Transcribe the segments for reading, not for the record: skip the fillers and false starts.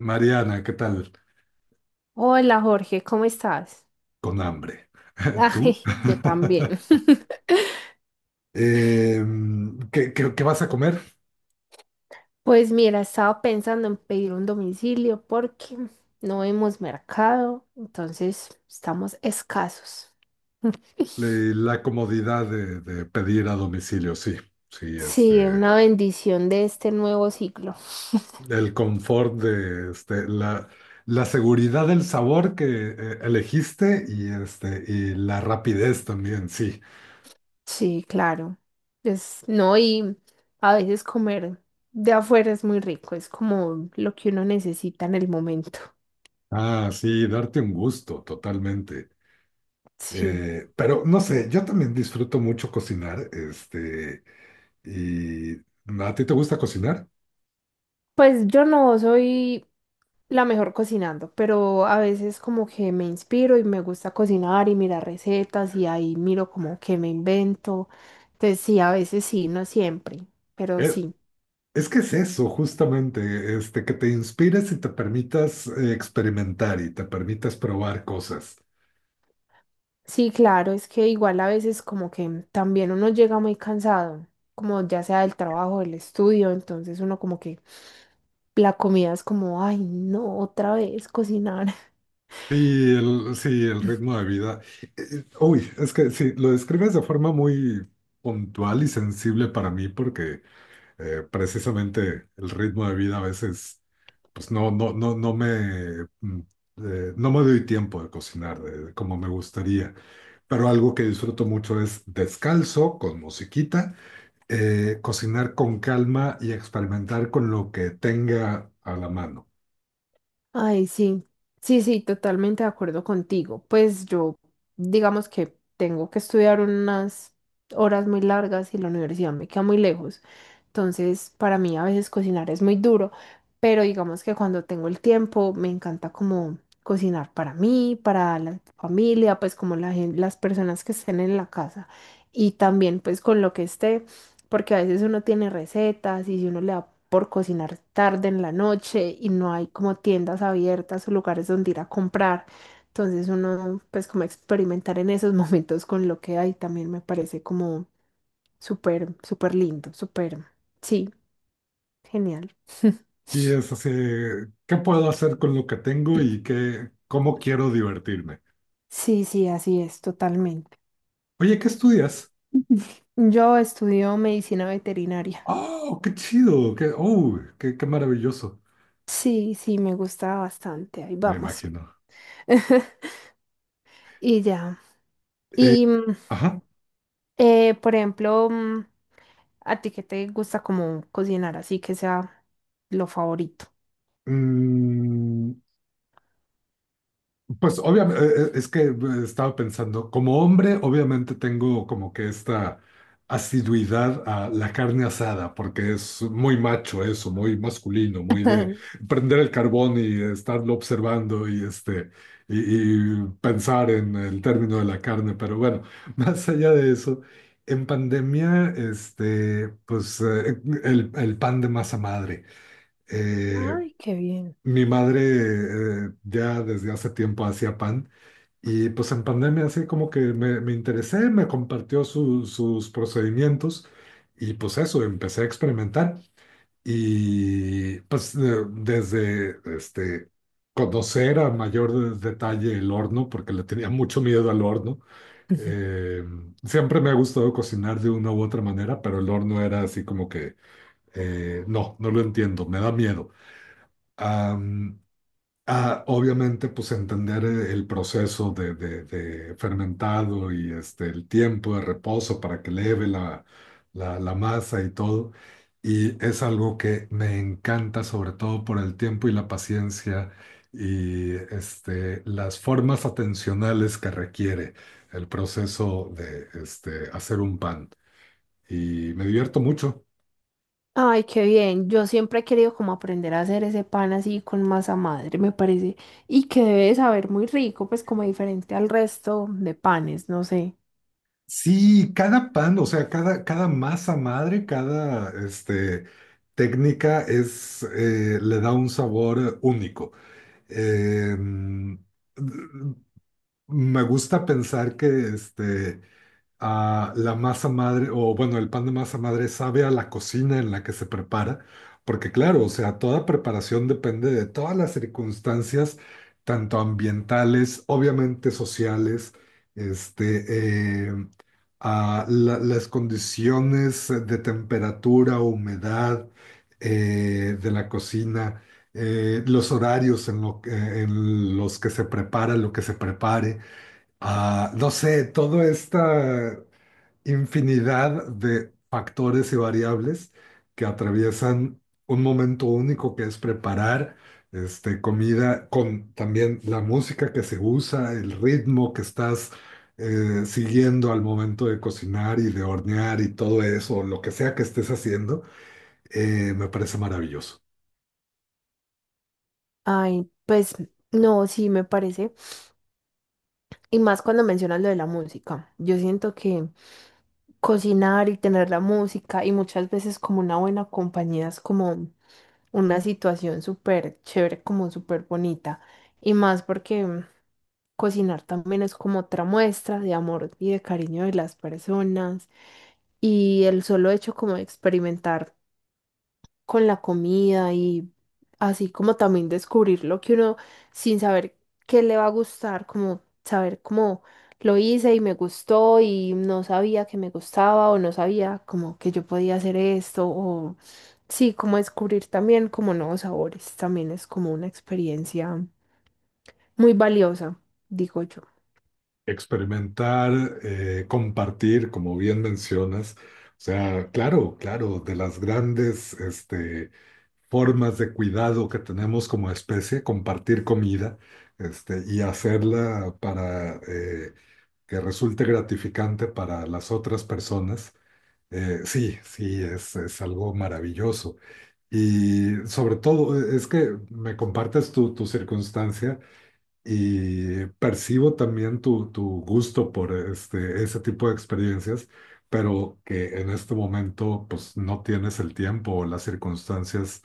Mariana, ¿qué tal? Hola Jorge, ¿cómo estás? Con hambre. ¿Tú? Ay, yo también. ¿Qué, qué vas a comer? Pues mira, estaba pensando en pedir un domicilio porque no hemos mercado, entonces estamos escasos. La comodidad de pedir a domicilio, sí. Sí, Sí, este, una bendición de este nuevo ciclo. el confort de este, la seguridad del sabor que elegiste y, este, y la rapidez también, sí. Sí, claro. Es, no, y a veces comer de afuera es muy rico, es como lo que uno necesita en el momento. Ah, sí, darte un gusto, totalmente. Sí. Pero no sé, yo también disfruto mucho cocinar, este, y ¿a ti te gusta cocinar? Pues yo no soy la mejor cocinando, pero a veces como que me inspiro y me gusta cocinar y mirar recetas y ahí miro como que me invento. Entonces sí, a veces sí, no siempre, pero Eh, sí. Es que es eso, justamente, este, que te inspires y te permitas experimentar y te permitas probar cosas. Sí, claro, es que igual a veces como que también uno llega muy cansado, como ya sea del trabajo, del estudio, entonces uno como que la comida es como, ay, no, otra vez cocinar. Y el, sí, el ritmo de vida. Uy, es que sí, lo describes de forma muy puntual y sensible para mí porque precisamente el ritmo de vida a veces, pues no, no, no, no me, no me doy tiempo de cocinar como me gustaría. Pero algo que disfruto mucho es descalzo, con musiquita cocinar con calma y experimentar con lo que tenga a la mano. Ay, sí, sí, sí, totalmente de acuerdo contigo. Pues yo, digamos que tengo que estudiar unas horas muy largas y la universidad me queda muy lejos. Entonces, para mí a veces cocinar es muy duro, pero digamos que cuando tengo el tiempo me encanta como cocinar para mí, para la familia, pues como las personas que estén en la casa y también pues con lo que esté, porque a veces uno tiene recetas y si uno le da por cocinar tarde en la noche y no hay como tiendas abiertas o lugares donde ir a comprar, entonces uno pues como experimentar en esos momentos con lo que hay también me parece como súper, súper lindo, súper, sí, genial. Y es así, ¿qué puedo hacer con lo que tengo y qué, cómo quiero divertirme? Sí, sí, así es, totalmente. Oye, ¿qué estudias? Yo estudio medicina veterinaria. Oh, qué chido, qué, oh, qué, qué maravilloso, Sí, sí, me gusta bastante, ahí me vamos. imagino. Y ya. Eh, Y, mm, ajá. Por ejemplo, ¿a ti qué te gusta como cocinar así que sea lo favorito? Mm, Pues obviamente, es que estaba pensando, como hombre, obviamente tengo como que esta asiduidad a la carne asada, porque es muy macho eso, muy masculino, muy de prender el carbón y estarlo observando y este y pensar en el término de la carne. Pero bueno, más allá de eso, en pandemia, este, pues el pan de masa madre. Eh, Ay, qué bien. mi madre ya desde hace tiempo hacía pan. Y pues en pandemia así como que me interesé, me compartió sus procedimientos y pues eso, empecé a experimentar. Y pues desde este, conocer a mayor detalle el horno, porque le tenía mucho miedo al horno. Eh, siempre me ha gustado cocinar de una u otra manera, pero el horno era así como que, no, no lo entiendo, me da miedo. Ah, obviamente, pues entender el proceso de, de fermentado y este, el tiempo de reposo para que leve la, la, la masa y todo. Y es algo que me encanta, sobre todo por el tiempo y la paciencia y este, las formas atencionales que requiere el proceso de este, hacer un pan. Y me divierto mucho. Ay, qué bien. Yo siempre he querido como aprender a hacer ese pan así con masa madre, me parece. Y que debe de saber muy rico, pues como diferente al resto de panes, no sé. Sí, cada pan, o sea, cada, cada masa madre, cada este, técnica es, le da un sabor único. Eh, mm, me gusta pensar que este, a la masa madre, o bueno, el pan de masa madre sabe a la cocina en la que se prepara, porque claro, o sea, toda preparación depende de todas las circunstancias, tanto ambientales, obviamente sociales, este, a las condiciones de temperatura, humedad de la cocina. Los horarios en, en los que se prepara, lo que se prepare, ah, no sé, toda esta infinidad de factores y variables que atraviesan un momento único que es preparar este, comida con también la música que se usa, el ritmo que estás siguiendo al momento de cocinar y de hornear y todo eso, lo que sea que estés haciendo, me parece maravilloso. Ay, pues no, sí, me parece. Y más cuando mencionas lo de la música. Yo siento que cocinar y tener la música y muchas veces como una buena compañía es como una situación súper chévere, como súper bonita. Y más porque cocinar también es como otra muestra de amor y de cariño de las personas. Y el solo hecho como de experimentar con la comida y así como también descubrir lo que uno sin saber qué le va a gustar, como saber cómo lo hice y me gustó y no sabía que me gustaba o no sabía como que yo podía hacer esto o sí, como descubrir también como nuevos sabores, también es como una experiencia muy valiosa, digo yo. Experimentar, compartir, como bien mencionas. O sea, claro, claro, de las grandes este, formas de cuidado que tenemos como especie, compartir comida este, y hacerla para que resulte gratificante para las otras personas. Sí, sí, es algo maravilloso. Y sobre todo, es que me compartes tu, tu circunstancia y percibo también tu gusto por este, ese tipo de experiencias, pero que en este momento pues no tienes el tiempo o las circunstancias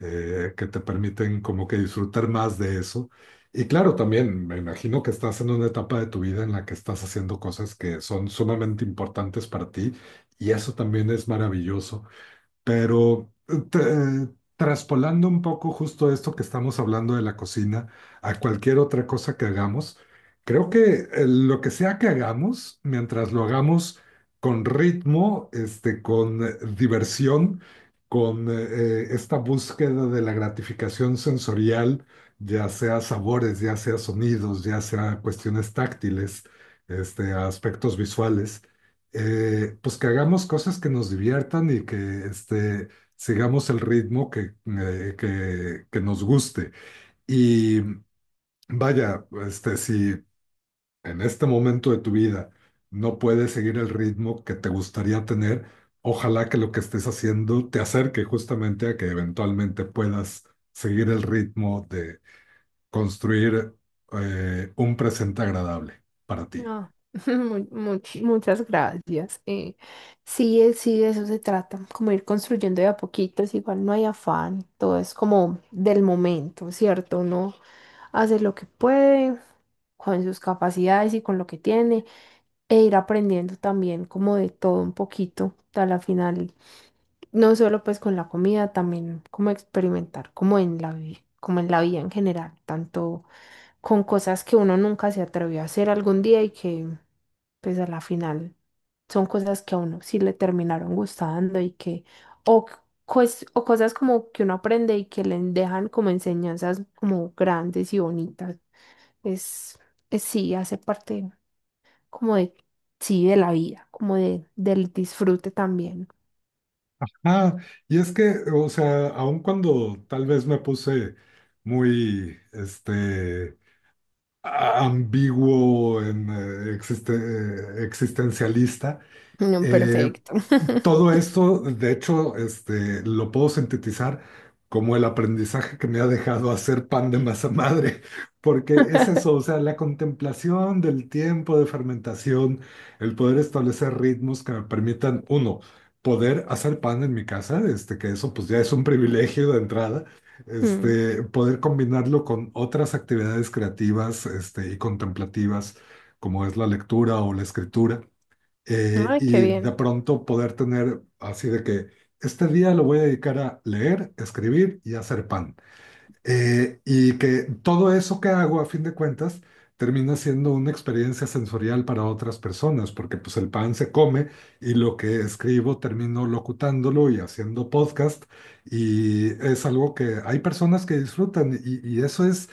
que te permiten como que disfrutar más de eso. Y claro, también me imagino que estás en una etapa de tu vida en la que estás haciendo cosas que son sumamente importantes para ti y eso también es maravilloso. Pero traspolando un poco justo esto que estamos hablando de la cocina a cualquier otra cosa que hagamos, creo que lo que sea que hagamos, mientras lo hagamos con ritmo, este, con diversión, con esta búsqueda de la gratificación sensorial, ya sea sabores, ya sea sonidos, ya sea cuestiones táctiles, este, aspectos visuales pues que hagamos cosas que nos diviertan y que este, sigamos el ritmo que nos guste. Y vaya, este, si en este momento de tu vida no puedes seguir el ritmo que te gustaría tener, ojalá que lo que estés haciendo te acerque justamente a que eventualmente puedas seguir el ritmo de construir un presente agradable para ti. No, muchas gracias. Sí, sí, de eso se trata, como ir construyendo de a poquitos, igual no hay afán, todo es como del momento, ¿cierto? Uno hace lo que puede con sus capacidades y con lo que tiene e ir aprendiendo también como de todo un poquito. A la final no solo pues con la comida, también como experimentar, como en la vida, como en la vida en general, tanto con cosas que uno nunca se atrevió a hacer algún día y que pues a la final son cosas que a uno sí le terminaron gustando y que, o, c- pues, o cosas como que uno aprende y que le dejan como enseñanzas como grandes y bonitas. Es, es sí, hace parte como de, sí, de la vida, como de, del disfrute también. Ah, y es que, o sea, aun cuando tal vez me puse muy, este, ambiguo en existencialista, No, eh, perfecto. todo esto, de hecho, este, lo puedo sintetizar como el aprendizaje que me ha dejado hacer pan de masa madre, porque es eso, o sea, la contemplación del tiempo de fermentación, el poder establecer ritmos que me permitan, uno, poder hacer pan en mi casa, este, que eso pues ya es un privilegio de entrada, Mm. este, poder combinarlo con otras actividades creativas, este, y contemplativas, como es la lectura o la escritura Ay, qué y de bien. pronto poder tener así de que este día lo voy a dedicar a leer, escribir y hacer pan. Y que todo eso que hago, a fin de cuentas, termina siendo una experiencia sensorial para otras personas, porque pues el pan se come y lo que escribo termino locutándolo y haciendo podcast y es algo que hay personas que disfrutan y eso es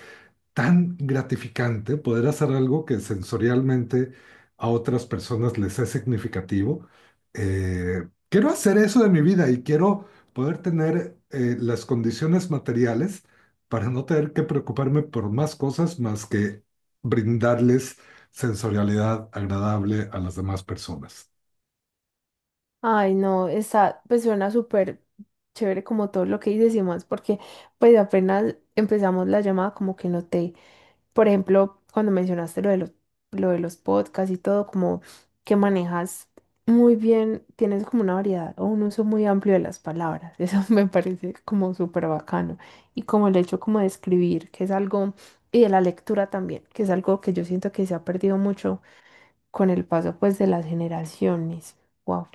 tan gratificante poder hacer algo que sensorialmente a otras personas les es significativo. Quiero hacer eso de mi vida y quiero poder tener las condiciones materiales para no tener que preocuparme por más cosas más que brindarles sensorialidad agradable a las demás personas. Ay, no, está, pues suena súper chévere como todo lo que dices y más, porque pues apenas empezamos la llamada como que noté, por ejemplo, cuando mencionaste lo de los podcasts y todo, como que manejas muy bien, tienes como una variedad o un uso muy amplio de las palabras, eso me parece como súper bacano. Y como el hecho como de escribir, que es algo, y de la lectura también, que es algo que yo siento que se ha perdido mucho con el paso pues de las generaciones. Wow,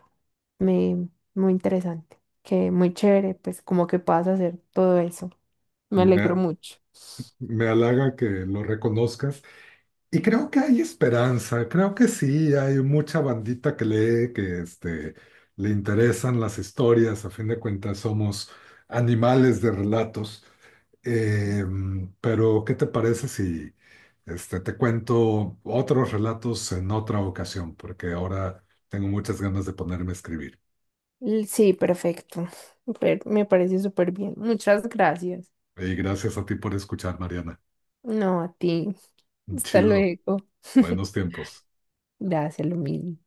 me, muy interesante, que muy chévere, pues como que puedas hacer todo eso. Me alegro Me, mucho. me halaga que lo reconozcas. Y creo que hay esperanza, creo que sí, hay mucha bandita que lee, que este, le interesan las historias, a fin de cuentas somos animales de relatos. Eh, pero, ¿qué te parece si este, te cuento otros relatos en otra ocasión? Porque ahora tengo muchas ganas de ponerme a escribir. Sí, perfecto. Me parece súper bien. Muchas gracias. Y gracias a ti por escuchar, Mariana. No, a ti. Hasta Chido, luego. buenos tiempos. Gracias, lo mismo.